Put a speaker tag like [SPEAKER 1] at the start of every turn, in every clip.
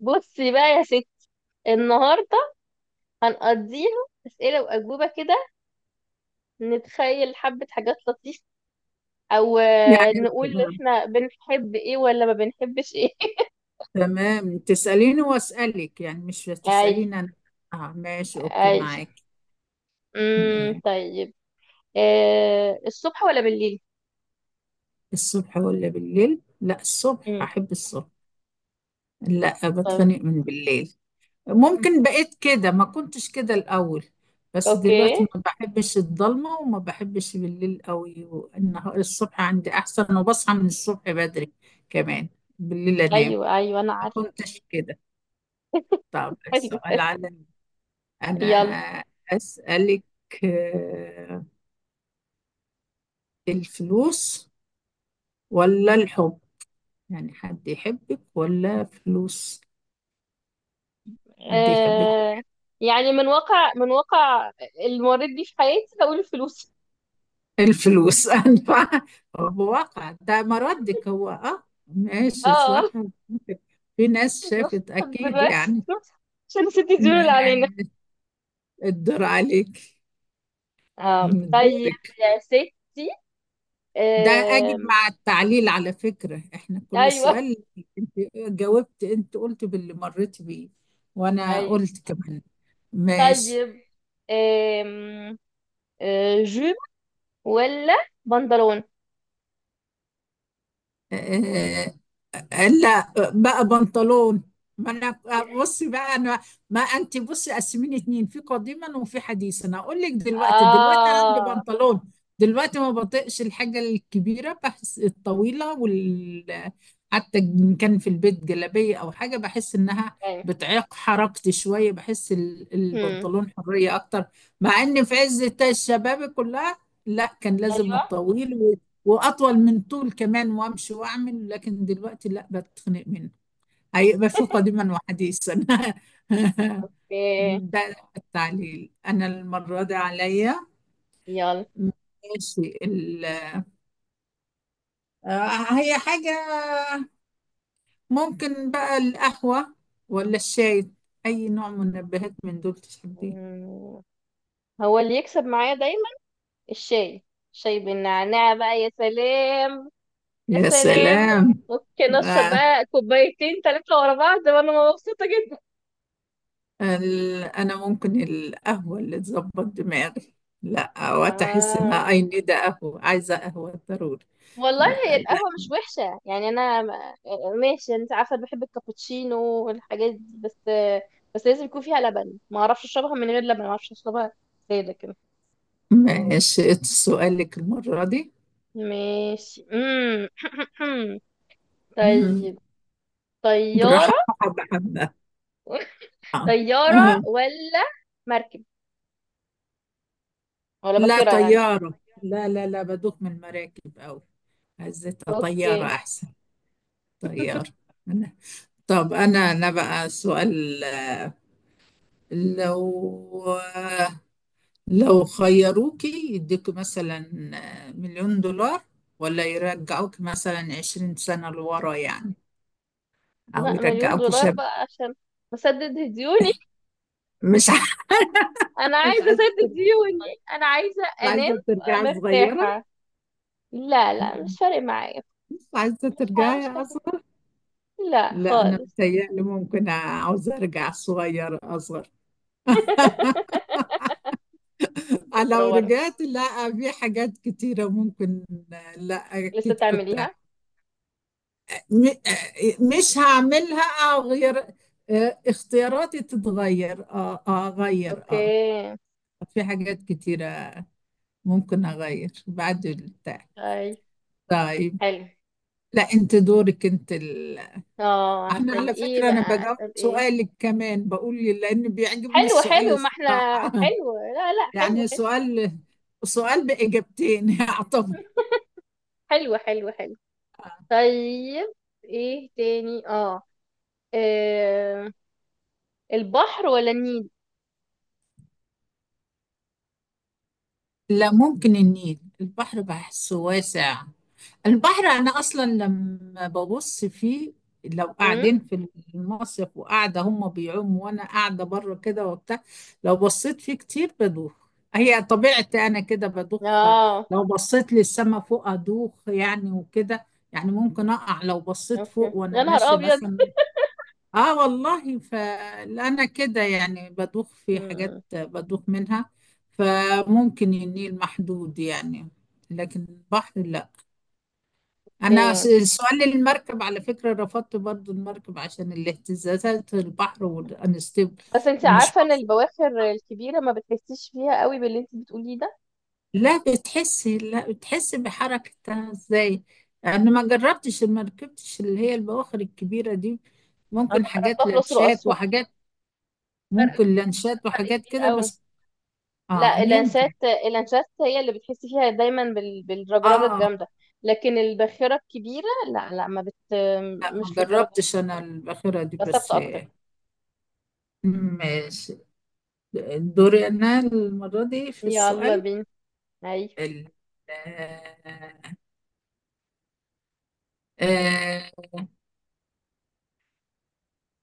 [SPEAKER 1] بصي بقى يا ستي، النهارده هنقضيها اسئله واجوبه كده. نتخيل حبه حاجات لطيفه، او
[SPEAKER 2] يعني
[SPEAKER 1] نقول احنا بنحب ايه ولا ما بنحبش ايه.
[SPEAKER 2] تمام، تسأليني وأسألك. يعني مش
[SPEAKER 1] اي.
[SPEAKER 2] تسأليني أنا آه، ماشي، أوكي
[SPEAKER 1] اي.
[SPEAKER 2] معاك. م-
[SPEAKER 1] طيب. الصبح ولا بالليل؟
[SPEAKER 2] الصبح ولا بالليل؟ لا الصبح،
[SPEAKER 1] امم
[SPEAKER 2] أحب الصبح. لا
[SPEAKER 1] طيب.
[SPEAKER 2] بتخنق من بالليل. ممكن بقيت كده، ما كنتش كده الأول. بس
[SPEAKER 1] اوكي.
[SPEAKER 2] دلوقتي ما بحبش الضلمة وما بحبش بالليل قوي، والنهار الصبح عندي أحسن، وبصحى من الصبح بدري كمان. بالليل أنام.
[SPEAKER 1] ايوه، ايوه، انا
[SPEAKER 2] ما
[SPEAKER 1] عارفه.
[SPEAKER 2] كنتش كده. طب
[SPEAKER 1] أيوة.
[SPEAKER 2] السؤال على أنا
[SPEAKER 1] يلا.
[SPEAKER 2] أسألك. آه، الفلوس ولا الحب؟ يعني حد يحبك ولا فلوس؟ حد يحبك.
[SPEAKER 1] آه، يعني من واقع المريض بيه في حياتي، بقول الفلوس.
[SPEAKER 2] الفلوس. أنا بواقع ده مردك، هو اه ماشي،
[SPEAKER 1] اه.
[SPEAKER 2] صح. في ناس
[SPEAKER 1] خلاص
[SPEAKER 2] شافت أكيد
[SPEAKER 1] دلوقتي
[SPEAKER 2] يعني.
[SPEAKER 1] عشان نسيتي الديون اللي علينا.
[SPEAKER 2] ما- الدور عليك،
[SPEAKER 1] آه. طيب.
[SPEAKER 2] دورك.
[SPEAKER 1] يا ستي.
[SPEAKER 2] ده أجب
[SPEAKER 1] آم.
[SPEAKER 2] مع التعليل، على فكرة احنا كل
[SPEAKER 1] ايوه،
[SPEAKER 2] السؤال، انت جاوبت، انت قلت باللي مريت بيه، وانا
[SPEAKER 1] ايوه.
[SPEAKER 2] قلت كمان. ماشي.
[SPEAKER 1] طيب. آم. جيب ولا بنطلون؟
[SPEAKER 2] آه، لا بقى بنطلون. ما انا بصي بقى انا، ما انت بصي قسميني اتنين، في قديما وفي حديثا. اقول لك دلوقتي، دلوقتي عندي
[SPEAKER 1] اه.
[SPEAKER 2] بنطلون. دلوقتي ما بطيقش الحاجه الكبيره، بحس الطويله، حتى ان كان في البيت جلابيه او حاجه، بحس انها
[SPEAKER 1] ايوه.
[SPEAKER 2] بتعيق حركتي شويه. بحس
[SPEAKER 1] هم.
[SPEAKER 2] البنطلون حريه اكتر. مع ان في عز الشباب كلها، لا كان لازم
[SPEAKER 1] ايوه.
[SPEAKER 2] الطويل، واطول من طول كمان، وامشي واعمل. لكن دلوقتي لا، بتخنق منه. هيبقى في قديما وحديثا.
[SPEAKER 1] اوكي.
[SPEAKER 2] ده التعليل، انا المره دي عليا.
[SPEAKER 1] يلا.
[SPEAKER 2] ماشي. ال... آه، هي حاجه، ممكن بقى القهوه ولا الشاي؟ اي نوع منبهات من دول تحبيه؟
[SPEAKER 1] مم. هو اللي يكسب معايا دايما، الشاي. شاي بالنعناع بقى، يا سلام. يا
[SPEAKER 2] يا
[SPEAKER 1] سلام.
[SPEAKER 2] سلام.
[SPEAKER 1] ممكن اشرب
[SPEAKER 2] آه،
[SPEAKER 1] بقى كوبايتين ثلاثة ورا بعض وانا مبسوطة جدا.
[SPEAKER 2] انا ممكن القهوه، اللي تظبط دماغي. لا وقت احس
[SPEAKER 1] آه.
[SPEAKER 2] انها اي نيد قهوه، عايزه قهوه ضروري.
[SPEAKER 1] والله هي
[SPEAKER 2] لا لا.
[SPEAKER 1] القهوة مش وحشة يعني، أنا ماشي، أنت عارفة أنا بحب الكابتشينو والحاجات دي بس. بس لازم يكون فيها لبن، ما أعرفش أشربها من غير لبن، ما أعرفش أشربها سادة كده.
[SPEAKER 2] ماشي سؤالك المرة دي.
[SPEAKER 1] ماشي. مم.
[SPEAKER 2] مم.
[SPEAKER 1] طيب.
[SPEAKER 2] بالراحة،
[SPEAKER 1] طيارة.
[SPEAKER 2] حبة حبة. آه.
[SPEAKER 1] طيارة
[SPEAKER 2] آه.
[SPEAKER 1] ولا مركب ولا
[SPEAKER 2] لا
[SPEAKER 1] باخرة يعني؟
[SPEAKER 2] طيارة، لا لا لا، بدوخ من المراكب أوي. عزتها طيارة
[SPEAKER 1] أوكي.
[SPEAKER 2] أحسن. طيارة أنا. طب أنا بقى سؤال. لو خيروكي يديكوا مثلا 1,000,000 دولار، ولا يرجعوك مثلا 20 سنة لورا يعني، أو
[SPEAKER 1] لا، مليون
[SPEAKER 2] يرجعوك
[SPEAKER 1] دولار
[SPEAKER 2] شاب.
[SPEAKER 1] بقى عشان أسدد ديوني.
[SPEAKER 2] مش عارفة.
[SPEAKER 1] أنا
[SPEAKER 2] مش
[SPEAKER 1] عايزة
[SPEAKER 2] عايزة.
[SPEAKER 1] أسدد ديوني. أنا عايزة
[SPEAKER 2] مش
[SPEAKER 1] أنام
[SPEAKER 2] عايزة ترجعي صغيرة.
[SPEAKER 1] مرتاحة. لا، لا،
[SPEAKER 2] مم.
[SPEAKER 1] مش فارق معايا.
[SPEAKER 2] مش عايزة ترجعي
[SPEAKER 1] مش حاسس،
[SPEAKER 2] أصغر.
[SPEAKER 1] لا
[SPEAKER 2] لا أنا
[SPEAKER 1] خالص.
[SPEAKER 2] متهيألي ممكن عاوزة أرجع صغيرة أصغر.
[SPEAKER 1] فكرة
[SPEAKER 2] لو
[SPEAKER 1] ورا؟
[SPEAKER 2] رجعت، لا في حاجات كتيرة ممكن. لا
[SPEAKER 1] لسه
[SPEAKER 2] أكيد كنت.
[SPEAKER 1] تعمليها؟
[SPEAKER 2] م- مش هعملها، أو غير اختياراتي، تتغير اه، آه، اغير
[SPEAKER 1] اوكي.
[SPEAKER 2] اه. في حاجات كتيرة ممكن اغير بعد البتاع.
[SPEAKER 1] طيب.
[SPEAKER 2] طيب.
[SPEAKER 1] حلو.
[SPEAKER 2] لا انت دورك انت.
[SPEAKER 1] اه،
[SPEAKER 2] احنا
[SPEAKER 1] هسأل
[SPEAKER 2] على
[SPEAKER 1] ايه
[SPEAKER 2] فكرة انا
[SPEAKER 1] بقى،
[SPEAKER 2] بجاوب
[SPEAKER 1] اسأل ايه؟
[SPEAKER 2] سؤالك كمان، بقول لي لان بيعجبني
[SPEAKER 1] حلو،
[SPEAKER 2] السؤال
[SPEAKER 1] حلو، ما احنا.
[SPEAKER 2] الصراحة.
[SPEAKER 1] حلو، لا، لا، حلو،
[SPEAKER 2] يعني
[SPEAKER 1] حلو.
[SPEAKER 2] سؤال بإجابتين، يعتبر.
[SPEAKER 1] حلو، حلو، حلو. طيب، ايه تاني؟ اه آه، البحر ولا النيل؟
[SPEAKER 2] لا ممكن النيل. البحر بحسه واسع. البحر انا اصلا لما ببص فيه، لو
[SPEAKER 1] امم
[SPEAKER 2] قاعدين في المصيف وقاعده هم بيعوموا وانا قاعده بره كده وبتاع، لو بصيت فيه كتير بدوخ. هي طبيعتي انا كده بدوخ.
[SPEAKER 1] اه.
[SPEAKER 2] لو بصيت للسما فوق ادوخ يعني، وكده يعني، ممكن اقع لو بصيت
[SPEAKER 1] اوكي.
[SPEAKER 2] فوق وانا
[SPEAKER 1] يا نهار
[SPEAKER 2] ماشيه
[SPEAKER 1] ابيض.
[SPEAKER 2] مثلا. اه والله، فانا كده يعني بدوخ، في حاجات
[SPEAKER 1] مم.
[SPEAKER 2] بدوخ منها. فممكن النيل محدود يعني، لكن البحر لا. انا
[SPEAKER 1] اوكي.
[SPEAKER 2] سؤال المركب على فكرة رفضت برضو المركب، عشان الاهتزازات، البحر والانستيبل.
[SPEAKER 1] بس انت
[SPEAKER 2] مش
[SPEAKER 1] عارفه ان
[SPEAKER 2] مفروض؟
[SPEAKER 1] البواخر الكبيره ما بتحسيش فيها قوي باللي انت بتقوليه ده.
[SPEAKER 2] لا بتحسي، لا بتحسي بحركتها ازاي. انا ما جربتش، ما ركبتش اللي هي البواخر الكبيرة دي.
[SPEAKER 1] انا
[SPEAKER 2] ممكن
[SPEAKER 1] جربتها
[SPEAKER 2] حاجات
[SPEAKER 1] في الاقصر
[SPEAKER 2] لانشات
[SPEAKER 1] واسوان.
[SPEAKER 2] وحاجات،
[SPEAKER 1] فرق
[SPEAKER 2] ممكن لانشات
[SPEAKER 1] فرق
[SPEAKER 2] وحاجات
[SPEAKER 1] كبير
[SPEAKER 2] كده
[SPEAKER 1] قوي.
[SPEAKER 2] بس. اه
[SPEAKER 1] لا، اللانشات،
[SPEAKER 2] يمكن.
[SPEAKER 1] اللانشات هي اللي بتحسي فيها دايما بالرجرجه
[SPEAKER 2] اه،
[SPEAKER 1] الجامده. لكن الباخره الكبيره، لا، لا، ما بت
[SPEAKER 2] لا ما
[SPEAKER 1] مش للدرجه دي.
[SPEAKER 2] جربتش انا الاخيره دي
[SPEAKER 1] بس
[SPEAKER 2] بس.
[SPEAKER 1] ثابته اكتر.
[SPEAKER 2] ماشي. دوري انا المره دي في
[SPEAKER 1] يلا
[SPEAKER 2] السؤال.
[SPEAKER 1] بينا. اي.
[SPEAKER 2] ال- آه آه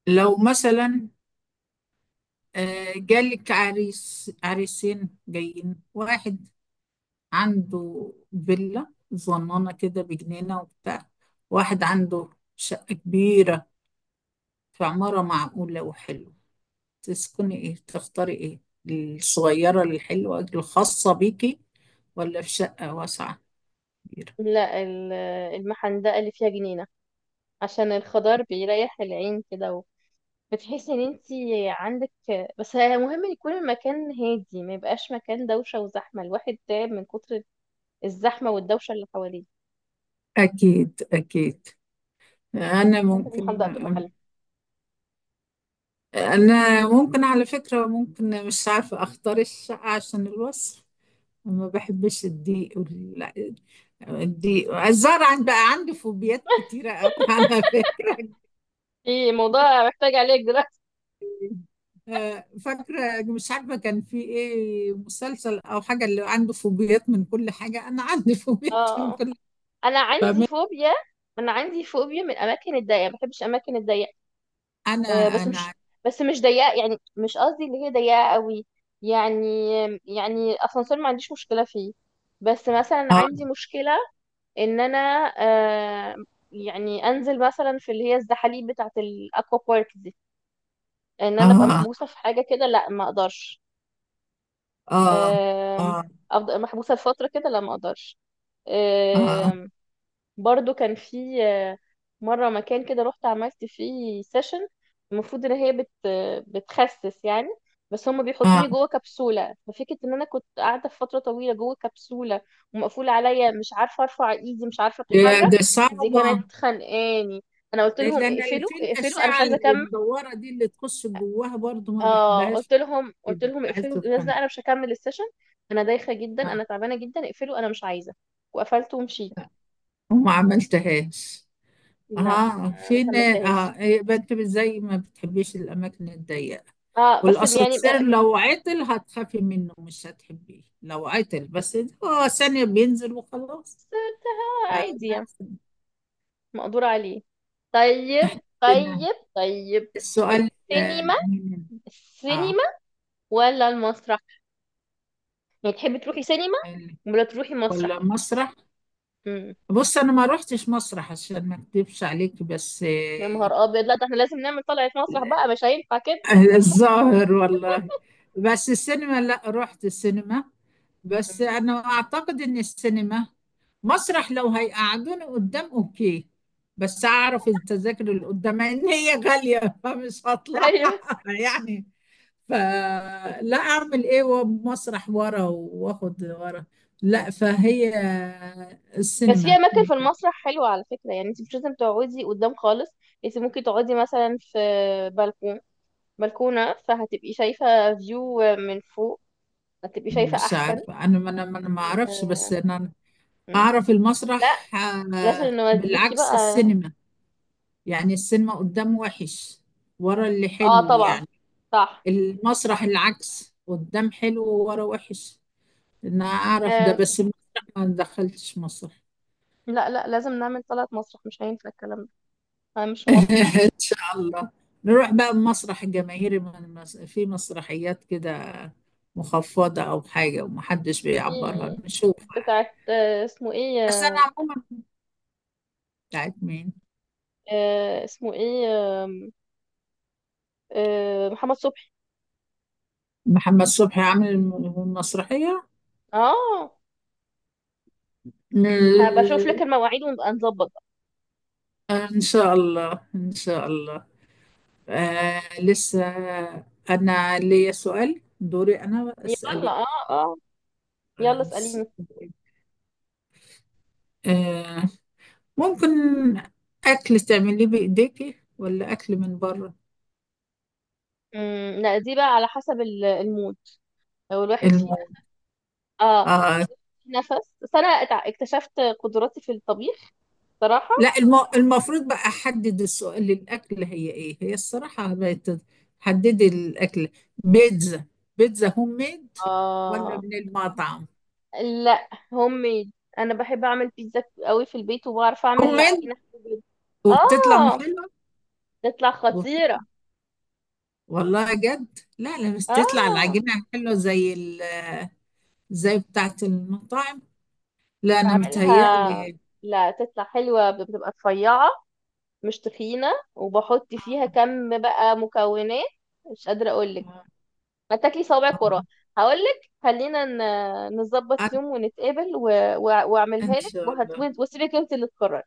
[SPEAKER 2] لو مثلا، جالك عريس، عريسين جايين. واحد عنده فيلا صغننه كده بجنينه وبتاع، واحد عنده شقه كبيره في عماره معقوله وحلوه. تسكني ايه، تختاري ايه؟ الصغيره الحلوه الخاصه بيكي، ولا في شقة واسعة كبيرة؟
[SPEAKER 1] لا، المحندقه اللي فيها جنينه، عشان الخضار بيريح العين كده. بتحسي ان انت عندك. بس مهم يكون المكان هادي، ما يبقاش مكان دوشه وزحمه، الواحد تعب من كتر الزحمه والدوشه اللي حواليه.
[SPEAKER 2] أكيد أكيد. أنا
[SPEAKER 1] الحاجات
[SPEAKER 2] ممكن
[SPEAKER 1] المحدقه بتبقى حلوه.
[SPEAKER 2] أنا ممكن على فكرة، ممكن مش عارفة أختار الشقة عشان الوصف. ما بحبش الضيق الضيق، الزرع. بقى عندي فوبيات كتيرة أوي، على فكرة.
[SPEAKER 1] في موضوع محتاج عليك دلوقتي.
[SPEAKER 2] آه، فاكرة مش عارفة كان في إيه مسلسل أو حاجة اللي عنده فوبيات من كل حاجة، أنا عندي فوبيات من
[SPEAKER 1] اه.
[SPEAKER 2] كل
[SPEAKER 1] انا عندي
[SPEAKER 2] حاجة.
[SPEAKER 1] فوبيا انا عندي فوبيا من الاماكن الضيقه، ما بحبش الاماكن الضيقه.
[SPEAKER 2] أنا
[SPEAKER 1] آه، بس
[SPEAKER 2] أنا
[SPEAKER 1] مش بس مش ضيقه يعني، مش قصدي اللي هي ضيقه قوي. يعني الاسانسير ما عنديش مشكله فيه. بس مثلا
[SPEAKER 2] آه
[SPEAKER 1] عندي مشكله ان انا آه يعني انزل مثلا في اللي هي الزحاليق بتاعه الاكوا بارك دي، ان انا ابقى
[SPEAKER 2] آه
[SPEAKER 1] محبوسه في حاجه كده، لا ما اقدرش.
[SPEAKER 2] آه
[SPEAKER 1] آه.
[SPEAKER 2] آه
[SPEAKER 1] افضل محبوسه لفتره كده، لا ما اقدرش.
[SPEAKER 2] آه
[SPEAKER 1] برضو كان في مرة مكان كده رحت عملت فيه سيشن. المفروض ان هي بتخسس يعني، بس هم بيحطوني
[SPEAKER 2] آه.
[SPEAKER 1] جوه كبسولة. ففكرة ان انا كنت قاعدة في فترة طويلة جوه كبسولة ومقفولة عليا، مش عارفة ارفع ايدي، مش عارفة
[SPEAKER 2] ده
[SPEAKER 1] اتحرك.
[SPEAKER 2] ده
[SPEAKER 1] دي
[SPEAKER 2] صعبة.
[SPEAKER 1] كانت خانقاني. انا قلت
[SPEAKER 2] آه، لأن
[SPEAKER 1] لهم
[SPEAKER 2] أنا اللي
[SPEAKER 1] اقفلوا،
[SPEAKER 2] في
[SPEAKER 1] اقفلوا، انا مش
[SPEAKER 2] الأشعة
[SPEAKER 1] عايزة
[SPEAKER 2] اللي
[SPEAKER 1] اكمل.
[SPEAKER 2] مدورة دي، اللي تخش جواها برضو ما
[SPEAKER 1] اه،
[SPEAKER 2] بحبهاش،
[SPEAKER 1] قلت لهم قلت
[SPEAKER 2] كده
[SPEAKER 1] لهم
[SPEAKER 2] بحس
[SPEAKER 1] اقفلوا الجهاز
[SPEAKER 2] القناة.
[SPEAKER 1] ده، انا مش هكمل السيشن. انا دايخة جدا،
[SPEAKER 2] آه،
[SPEAKER 1] انا تعبانة جدا، اقفلوا، انا مش عايزة. وقفلت ومشيت.
[SPEAKER 2] وما عملتهاش.
[SPEAKER 1] لا،
[SPEAKER 2] اه
[SPEAKER 1] ما
[SPEAKER 2] فين،
[SPEAKER 1] كملتهاش.
[SPEAKER 2] اه يبقى انت زي ما بتحبيش الأماكن الضيقة.
[SPEAKER 1] اه، بس يعني
[SPEAKER 2] والأسانسير لو عطل هتخافي منه، مش هتحبيه لو عطل. بس هو ثانية بينزل وخلاص.
[SPEAKER 1] بس عادي يعني،
[SPEAKER 2] فنفس
[SPEAKER 1] مقدور عليه. طيب، طيب، طيب.
[SPEAKER 2] السؤال، آه،
[SPEAKER 1] السينما.
[SPEAKER 2] من اه
[SPEAKER 1] السينما ولا المسرح؟ يعني تحبي تروحي سينما
[SPEAKER 2] ال-
[SPEAKER 1] ولا تروحي
[SPEAKER 2] ولا
[SPEAKER 1] مسرح؟
[SPEAKER 2] مسرح؟
[SPEAKER 1] امم
[SPEAKER 2] بص انا ما روحتش مسرح عشان ما اكدبش عليك، بس
[SPEAKER 1] يا
[SPEAKER 2] آه،
[SPEAKER 1] نهار ابيض، لا ده احنا لازم نعمل طلعة مسرح بقى، مش هينفع كده.
[SPEAKER 2] الظاهر والله. بس السينما لا، رحت السينما. بس
[SPEAKER 1] مم.
[SPEAKER 2] انا اعتقد ان السينما، مسرح لو هيقعدوني قدام اوكي، بس اعرف التذاكر اللي قدام ان هي غالية، فمش هطلع
[SPEAKER 1] ايوه.
[SPEAKER 2] يعني، فلا اعمل ايه. ومسرح ورا واخد ورا لا. فهي
[SPEAKER 1] بس في
[SPEAKER 2] السينما.
[SPEAKER 1] اماكن في المسرح حلوة على فكرة، يعني انت مش لازم تقعدي قدام خالص. انت ممكن تقعدي مثلا في بلكون، بلكونة، فهتبقي شايفة فيو من فوق، هتبقي شايفة
[SPEAKER 2] مش
[SPEAKER 1] احسن.
[SPEAKER 2] عارفة أنا ما أنا ما أنا ما أعرفش، بس أنا
[SPEAKER 1] مم.
[SPEAKER 2] أعرف
[SPEAKER 1] لا،
[SPEAKER 2] المسرح،
[SPEAKER 1] لازم
[SPEAKER 2] آه،
[SPEAKER 1] نوديكي بقى.
[SPEAKER 2] بالعكس السينما. يعني السينما قدام وحش، ورا اللي
[SPEAKER 1] اه
[SPEAKER 2] حلو
[SPEAKER 1] طبعا.
[SPEAKER 2] يعني.
[SPEAKER 1] صح.
[SPEAKER 2] المسرح
[SPEAKER 1] صح.
[SPEAKER 2] العكس، قدام حلو وورا وحش. أنا أعرف ده،
[SPEAKER 1] آه
[SPEAKER 2] بس المسرح ما دخلتش مسرح.
[SPEAKER 1] لا، لا، لازم نعمل طلعة مسرح، مش هينفع الكلام ده. انا مش موافقة.
[SPEAKER 2] إن شاء الله نروح بقى المسرح الجماهيري، في مسرحيات كده مخفضة أو حاجة ومحدش
[SPEAKER 1] في
[SPEAKER 2] بيعبرها، نشوف.
[SPEAKER 1] بتاعت اسمه ايه،
[SPEAKER 2] بس أنا عموما، بتاعت مين؟
[SPEAKER 1] اسمه ايه، آم، محمد صبحي.
[SPEAKER 2] محمد صبحي عامل مسرحية.
[SPEAKER 1] اه، هبقى اشوف لك
[SPEAKER 2] م-
[SPEAKER 1] المواعيد ونبقى نظبط بقى.
[SPEAKER 2] إن شاء الله إن شاء الله. آه لسه، أنا ليا سؤال دوري، أنا
[SPEAKER 1] يلا،
[SPEAKER 2] أسألك.
[SPEAKER 1] اه، اه، يلا
[SPEAKER 2] آه س-
[SPEAKER 1] اسأليني.
[SPEAKER 2] آه، ممكن أكل تعمليه بإيديكي، ولا أكل من بره؟
[SPEAKER 1] لا، دي بقى على حسب المود. لو الواحد فيه.
[SPEAKER 2] الم...
[SPEAKER 1] اه.
[SPEAKER 2] آه
[SPEAKER 1] في نفس، بس انا اكتشفت قدراتي في الطبيخ صراحة.
[SPEAKER 2] لا الم... المفروض بقى أحدد السؤال للأكل، هي إيه هي الصراحة حددي الأكل، بيتزا. بيتزا هوم ميد ولا
[SPEAKER 1] اه.
[SPEAKER 2] من المطعم؟
[SPEAKER 1] لا، هوم ميد. انا بحب اعمل بيتزا قوي في البيت، وبعرف اعمل
[SPEAKER 2] هوميد،
[SPEAKER 1] العجينه في البيت.
[SPEAKER 2] وبتطلع
[SPEAKER 1] اه،
[SPEAKER 2] حلوه؟
[SPEAKER 1] تطلع
[SPEAKER 2] وبت-
[SPEAKER 1] خطيره.
[SPEAKER 2] والله جد، لا لا مش تطلع
[SPEAKER 1] اه،
[SPEAKER 2] العجينه حلوه زي زي بتاعه المطاعم. لا انا
[SPEAKER 1] بعملها.
[SPEAKER 2] متهيألي.
[SPEAKER 1] لا، تطلع حلوه، بتبقى رفيعه، مش تخينه، وبحط فيها كم بقى مكونات، مش قادره اقول لك.
[SPEAKER 2] آه،
[SPEAKER 1] ما تاكلي صوابعك وراها.
[SPEAKER 2] آه.
[SPEAKER 1] هقول لك خلينا
[SPEAKER 2] أنا
[SPEAKER 1] نظبط يوم ونتقابل و...
[SPEAKER 2] إن
[SPEAKER 1] واعملك
[SPEAKER 2] شاء الله.
[SPEAKER 1] وسيبك انت اللي تقرري.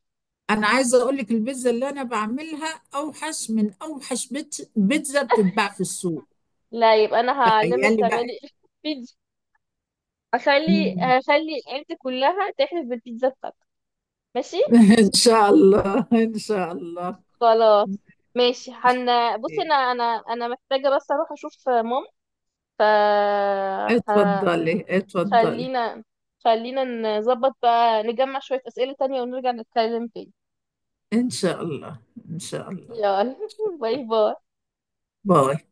[SPEAKER 2] أنا عايزة أقول لك، البيتزا اللي أنا بعملها أوحش من أوحش بيتزا بتتباع في السوق.
[SPEAKER 1] لا، يبقى انا هعلمك
[SPEAKER 2] تخيلي بقى.
[SPEAKER 1] تعملي بيتزا.
[SPEAKER 2] مم.
[SPEAKER 1] هخلي العيلة كلها تحلف بالبيتزا بتاعتك. ماشي.
[SPEAKER 2] إن شاء الله إن شاء الله.
[SPEAKER 1] خلاص. ماشي
[SPEAKER 2] ماشي.
[SPEAKER 1] حن بصي،
[SPEAKER 2] أوكي.
[SPEAKER 1] انا محتاجة بس اروح اشوف ماما، ف ه-
[SPEAKER 2] اتفضلي اتفضلي.
[SPEAKER 1] خلينا خلينا نظبط بقى، نجمع شوية أسئلة تانية ونرجع نتكلم تاني.
[SPEAKER 2] إن شاء الله إن شاء الله.
[SPEAKER 1] يلا باي باي.
[SPEAKER 2] باي.